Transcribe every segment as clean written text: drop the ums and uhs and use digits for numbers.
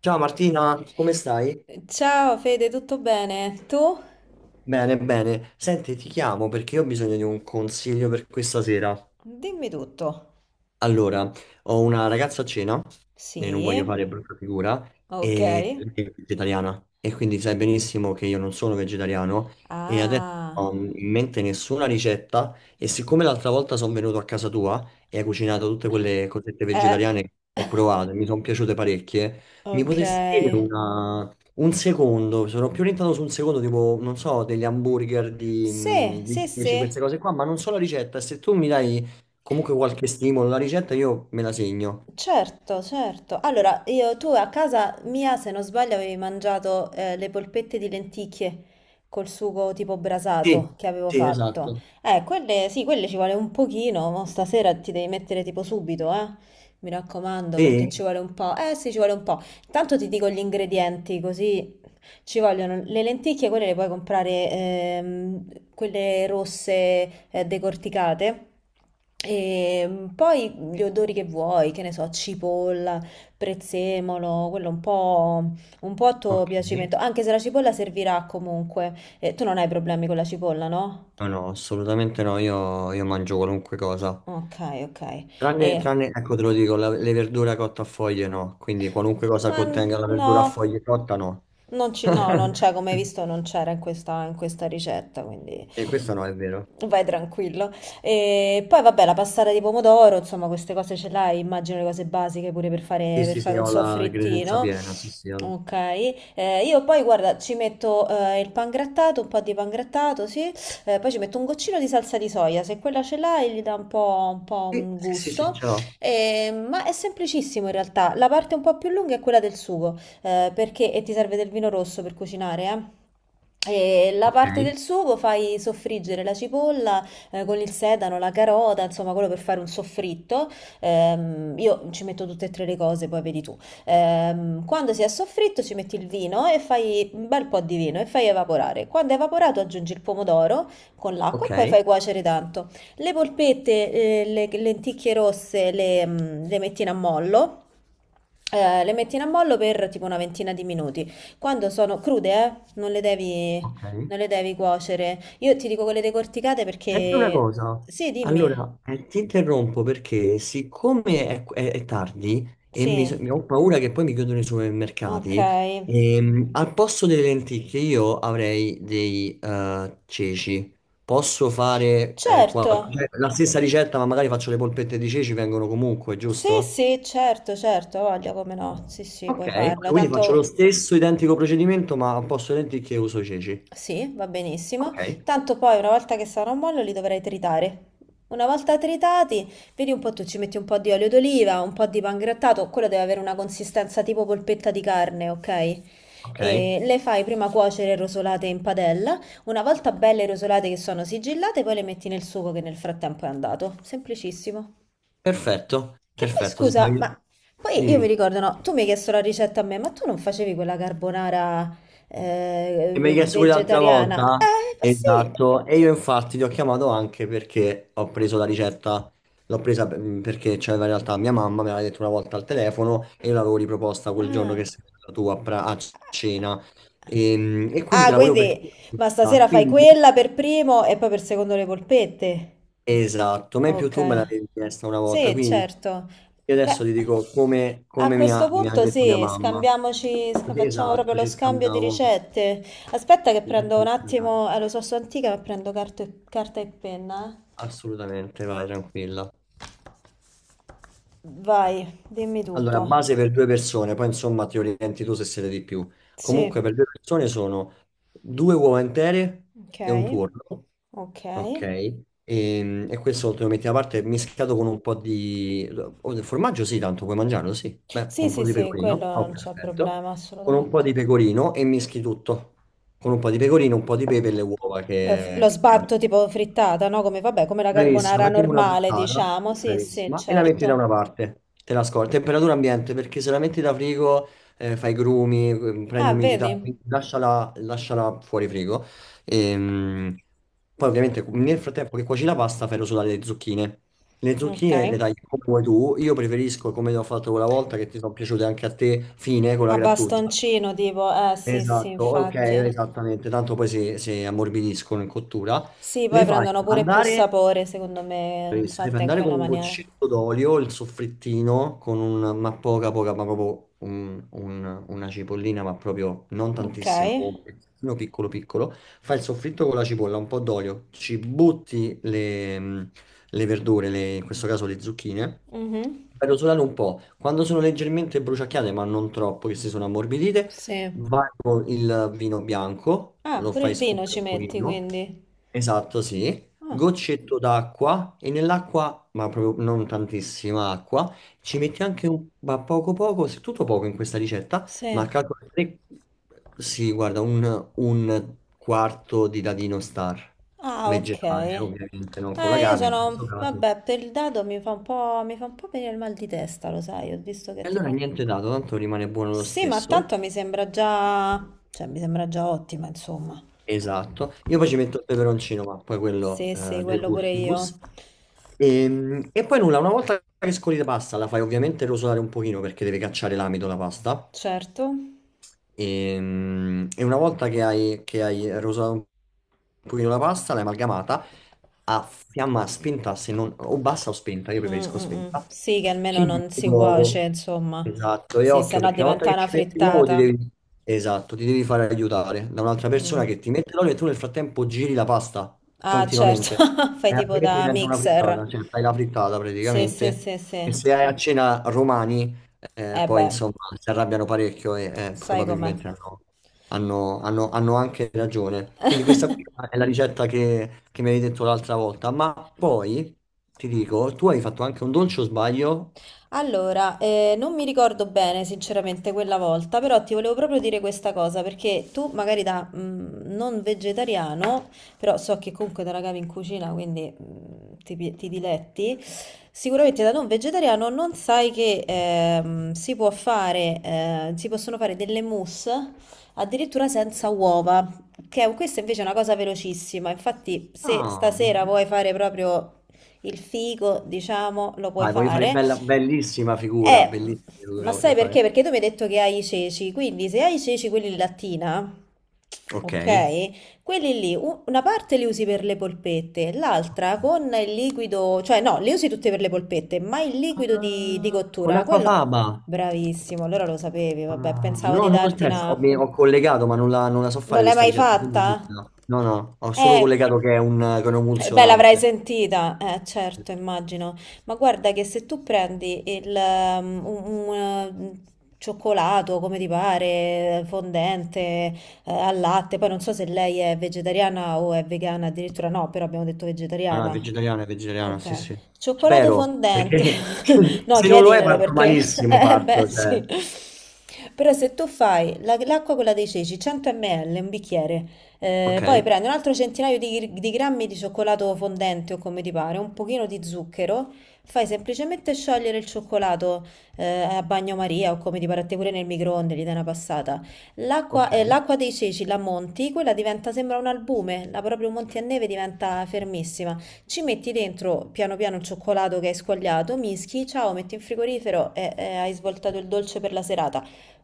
Ciao Martina, come stai? Ciao Fede, tutto bene? Tu? Bene, bene. Senti, ti chiamo perché io ho bisogno di un consiglio per questa sera. Dimmi tutto. Allora, ho una ragazza a cena Sì, e non voglio fare brutta figura, ok. e lei è vegetariana e quindi sai benissimo che io non sono vegetariano e adesso non Ah, ho in mente nessuna ricetta e siccome l'altra volta sono venuto a casa tua e hai cucinato tutte quelle cosette eh, vegetariane che ho provato e mi sono piaciute parecchie, mi potresti dire ok. Un secondo, sono più orientato su un secondo, tipo, non so, degli hamburger di, mm, Sì, di sì, 10, sì. queste cose qua, ma non so la ricetta, e se tu mi dai. Comunque qualche stimolo, la ricetta io me la segno. Certo, certo. Allora, io, tu a casa mia, se non sbaglio, avevi mangiato le polpette di lenticchie col sugo tipo brasato Sì, che avevo sì, fatto. esatto. Quelle, sì, quelle ci vuole un pochino, mo stasera ti devi mettere tipo subito, eh. Mi raccomando, perché ci Sì? vuole un po'. Eh sì, ci vuole un po'. Intanto ti dico gli ingredienti, così ci vogliono le lenticchie, quelle le puoi comprare, quelle rosse, decorticate. E poi gli odori che vuoi, che ne so, cipolla, prezzemolo, quello un po' a tuo Ok. piacimento, anche se la cipolla servirà comunque. Tu non hai problemi con la cipolla, no? No, no, assolutamente no, io mangio qualunque cosa. Ok, ok. Tranne, E... tranne, ecco te lo dico, le verdure cotte a foglie no, quindi qualunque cosa Ma contenga la no, verdura a foglie cotta no. non ci- no, non c'è, come hai visto, non c'era in questa ricetta, quindi E questo no, è vero. vai tranquillo. E poi vabbè, la passata di pomodoro, insomma, queste cose ce l'hai, immagino le cose basiche pure Sì, per sì, fare sì, un ho la credenza soffrittino. piena, sì, sì, Ok, io poi guarda, ci metto il pangrattato, un po' di pangrattato, sì, poi ci metto un goccino di salsa di soia, se quella ce l'hai gli dà un po', un po' sì, un sì, sì, sì, gusto. ce l'ho. Ma è semplicissimo in realtà. La parte un po' più lunga è quella del sugo, perché e ti serve del vino rosso per cucinare, eh. E la Ok, parte del sugo fai soffriggere la cipolla con il sedano, la carota, insomma, quello per fare un soffritto. Io ci metto tutte e tre le cose, poi vedi tu. Quando si è soffritto, ci metti il vino e fai un bel po' di vino e fai evaporare. Quando è evaporato, aggiungi il pomodoro con l'acqua e ok, poi fai cuocere tanto. Le polpette, le lenticchie rosse le metti in ammollo, le metti in ammollo per tipo una ventina di minuti. Quando sono crude, non le devi, ok. non le devi cuocere. Io ti dico quelle decorticate Senti una perché... cosa, Sì, dimmi. allora ti interrompo perché siccome è tardi e mi, so- Sì, mi ho paura che poi mi chiudono i ok. supermercati, al posto delle lenticchie io avrei dei ceci. Posso fare Certo. La stessa ricetta, ma magari faccio le polpette di ceci, vengono comunque, Sì, giusto? sì, certo, certo, voglio come no. Sì, sì, Ok, puoi ok, farlo. quindi faccio lo Tanto... stesso identico procedimento, ma al posto delle lenticchie uso i ceci. Sì, va benissimo. Ok, Tanto poi una volta che sarà un mollo li dovrai tritare. Una volta tritati, vedi un po', tu ci metti un po' di olio d'oliva, un po' di pangrattato, quello deve avere una consistenza tipo polpetta di carne, ok? ok, E le fai prima cuocere rosolate in padella. Una volta belle rosolate che sono sigillate, poi le metti nel sugo che nel frattempo è andato. Semplicissimo. perfetto, Che poi perfetto. scusa, ma poi io mi Dimmi. ricordo, no, tu mi hai chiesto la ricetta a me, ma tu non facevi quella carbonara E mi hai chiesto quell'altra vegetariana? volta? Ma sì. Esatto, e io infatti ti ho chiamato anche perché ho preso la ricetta, l'ho presa perché c'aveva in realtà mia mamma, me l'aveva detto una volta al telefono e io l'avevo riproposta quel giorno che Ah. sei stata tu a cena e quindi Ah, te la volevo perché... quindi, ma Ah, stasera fai quella per primo e poi per secondo le polpette. esatto, ma in più Ok, tu me l'avevi chiesta una volta, sì, quindi certo. io Beh, adesso ti dico come, a come mi questo ha, mi ha punto detto mia sì, mamma. scambiamoci, Così, facciamo proprio esatto, lo ci scambio di scambiamo. ricette. Aspetta che prendo un attimo, lo so, sono antica, ma prendo carta e, carta e penna. Assolutamente, vai tranquilla. Vai, dimmi Allora, tutto. base per due persone, poi insomma ti orienti tu se siete di più. Comunque Sì, per due persone sono due uova intere ok, e un tuorlo, ok. ok? E questo te lo metti da parte mischiato con un po' di... o del formaggio sì, tanto puoi mangiarlo, sì. Beh, Sì, con un po' sì, di sì, quello pecorino, oh, non c'è perfetto. problema, Con un po' assolutamente. di pecorino e mischi tutto. Con un po' di pecorino, un po' di pepe e le uova Lo, lo che... sbatto tipo frittata, no? Come, vabbè, come la Bravissima, carbonara facciamo una normale, frittata, diciamo. Sì, sì, bravissima, e la metti da certo. una parte, te la scordi, temperatura ambiente, perché se la metti da frigo, fai grumi, prende Ah, umidità, vedi? quindi lasciala fuori frigo. Ehm, Poi ovviamente nel frattempo che cuoci la pasta fai rosolare le zucchine. Le zucchine le Okay. tagli come vuoi tu, io preferisco come ho fatto quella volta che ti sono piaciute anche a te, fine con la A grattugia. bastoncino tipo, eh sì, sì, Esatto, ok, infatti. esattamente, tanto poi si ammorbidiscono in cottura. Sì, poi Le fai prendono pure più andare sapore, secondo me, quindi se devi fatte in andare con quella un maniera. goccetto d'olio, il soffrittino, con ma poca, poca, ma proprio una cipollina, ma proprio non Ok. tantissima, un pezzettino piccolo piccolo, fai il soffritto con la cipolla, un po' d'olio, ci butti le verdure, in questo caso le zucchine, Mhm. fai rosolare un po', quando sono leggermente bruciacchiate, ma non troppo, che si sono ammorbidite, Sì. vai con il vino bianco, Ah, lo pure fai il vino sfumare ci un metti, pochino, quindi. esatto, sì, Ah, goccetto d'acqua e nell'acqua, ma proprio non tantissima acqua, ci metti anche ma poco poco, se tutto poco in questa ricetta, sì. ma calcola tre, sì, guarda, un quarto di dadino star, Ah, vegetale, ok. ovviamente, non con la Io carne in questo sono... caso. Vabbè, per il dado mi fa un po'... mi fa un po' venire il mal di testa, lo sai, ho visto che E allora tipo... niente dato, tanto rimane buono lo Sì, ma tanto stesso. mi sembra già... cioè, mi sembra già ottima, insomma. Esatto, io poi ci metto il peperoncino, ma poi quello Sì, sì, dei quello pure io. gustibus. E poi nulla, una volta che scoli la pasta, la fai ovviamente rosolare un pochino perché deve cacciare l'amido la pasta. Certo, E una volta che che hai rosato un pochino la pasta, l'hai amalgamata a fiamma spenta, se non, o bassa o spenta, io Mm, preferisco mm, mm. spenta. Sì, che almeno Ci non metti si cuoce, l'uovo. insomma, Esatto, e sì, se occhio no perché una volta diventa che una ci metti l'uovo ti frittata. devi... Esatto, ti devi fare aiutare da un'altra persona Mm. che ti mette l'olio e tu nel frattempo giri la pasta Ah, certo, continuamente. fai E tipo altrimenti da diventa una mixer. frittata, cioè fai la frittata Sì, sì, praticamente. sì, sì. E se hai a cena romani... Eh Poi beh, insomma si arrabbiano parecchio e sai com'è. probabilmente hanno anche ragione. Quindi questa qui è la ricetta che mi avevi detto l'altra volta, ma poi ti dico, tu hai fatto anche un dolce o sbaglio? Allora, non mi ricordo bene sinceramente quella volta, però ti volevo proprio dire questa cosa, perché tu magari da non vegetariano, però so che comunque te la cavi in cucina, quindi ti, ti diletti, sicuramente da non vegetariano non sai che si può fare, si possono fare delle mousse addirittura senza uova, questa invece è una cosa velocissima, infatti se Ah, stasera vuoi fare proprio il figo, diciamo, lo puoi vai, voglio fare fare. bella, Eh, bellissima ma figura voglio sai perché? fare. Perché tu mi hai detto che hai i ceci, quindi se hai i ceci quelli in lattina, Ok. ok, quelli lì, una parte li usi per le polpette, l'altra con il liquido, cioè no, li usi tutte per le polpette, ma il liquido di Ah, con cottura, quello... l'acquafaba. Bravissimo, allora lo sapevi, Ah, vabbè, pensavo di no, non l'ho darti chiesto, ho, una... mi- ho collegato, ma non la so Non fare l'hai questa mai ricetta. fatta? Quindi no, no, no, ho solo Eh, collegato che è un beh, l'avrai emulsionante. sentita, certo, immagino. Ma guarda che se tu prendi un, eh, cioccolato, come ti pare, fondente, al latte, poi non so se lei è vegetariana o è vegana, addirittura no, però abbiamo detto Ah, no, vegetariana. È vegetariana, sì, Ok, sì. cioccolato Spero, fondente. perché No, se non lo è chiediglielo parto perché, malissimo, eh beh parto, cioè. sì. Però se tu fai l'acqua quella dei ceci, 100 ml, un bicchiere, Ok, poi prendi un altro centinaio di grammi di cioccolato fondente o come ti pare, un pochino di zucchero, fai semplicemente sciogliere il cioccolato a bagnomaria o come ti pare a te pure nel microonde, gli dai una passata. L'acqua ok, l'acqua dei ceci la monti, quella diventa, sembra un albume, la proprio monti a neve diventa fermissima. Ci metti dentro piano piano il cioccolato che hai squagliato, mischi, ciao, metti in frigorifero e hai svoltato il dolce per la serata.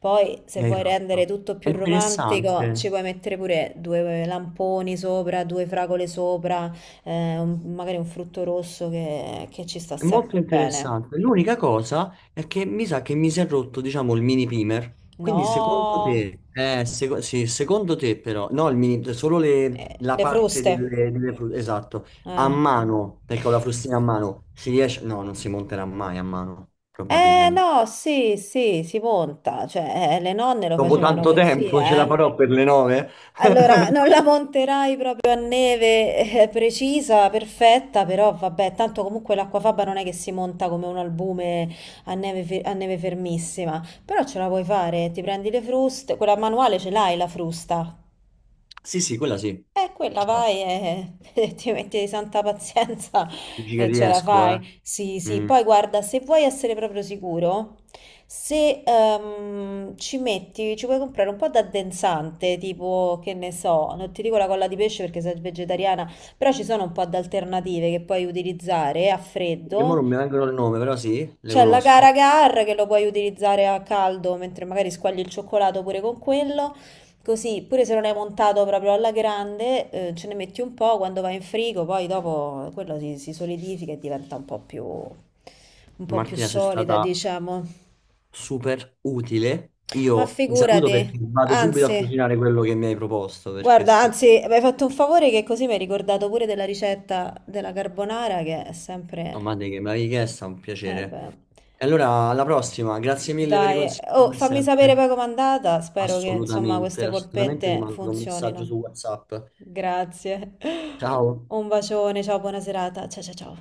Poi, se mi hai vuoi rendere fatto. tutto È più romantico, ci interessante. puoi mettere pure due lamponi sopra, due fragole sopra, magari un frutto rosso che ci sta È molto sempre bene. interessante. L'unica cosa è che mi sa che mi si è rotto, diciamo, il mini primer. Quindi secondo No, te, sì, secondo te però, no, il mini, solo la le parte fruste. Esatto, a Eh. mano, perché ho la frustina a mano, si riesce, no, non si monterà mai a mano, Eh probabilmente. no, sì, sì, si monta, cioè le nonne lo Dopo facevano tanto così, tempo ce la eh. farò per le 9? Allora, non la monterai proprio a neve precisa, perfetta, però vabbè, tanto comunque l'acquafaba non è che si monta come un albume a neve, a neve fermissima, però ce la puoi fare, ti prendi le fruste, quella manuale ce l'hai la frusta, Sì, sì, quella sì. Quella Ciao. vai e, e ti metti di santa pazienza Dici che e ce la riesco, eh. fai. Sì, sì. Mm. Poi guarda, se vuoi essere proprio sicuro, se ci metti, ci puoi comprare un po' d'addensante, tipo, che ne so, non ti dico la colla di pesce perché sei vegetariana, però ci sono un po' di alternative che puoi utilizzare a Che mo freddo non mi vengono il nome, però sì, le c'è la conosco. Gara Gar che lo puoi utilizzare a caldo mentre magari squagli il cioccolato pure con quello. Così, pure se non hai montato proprio alla grande, ce ne metti un po' quando va in frigo, poi dopo quello si, si solidifica e diventa un po' più Martina, sei solida, stata diciamo. super utile. Ma Io ti saluto perché figurati, vado subito a anzi, cucinare quello che mi hai proposto, perché guarda, secondo anzi, mi hai fatto un favore che così mi hai ricordato pure della ricetta della carbonara che è sempre... me che me l'hai chiesto è un Eh piacere. beh. E allora, alla prossima, grazie mille per i Dai, consigli oh, come fammi sapere sempre. poi com'è andata. Spero che insomma Assolutamente, queste assolutamente ti polpette mando un messaggio su funzionino. WhatsApp. Grazie. Ciao. Un bacione, ciao, buona serata. Ciao ciao ciao.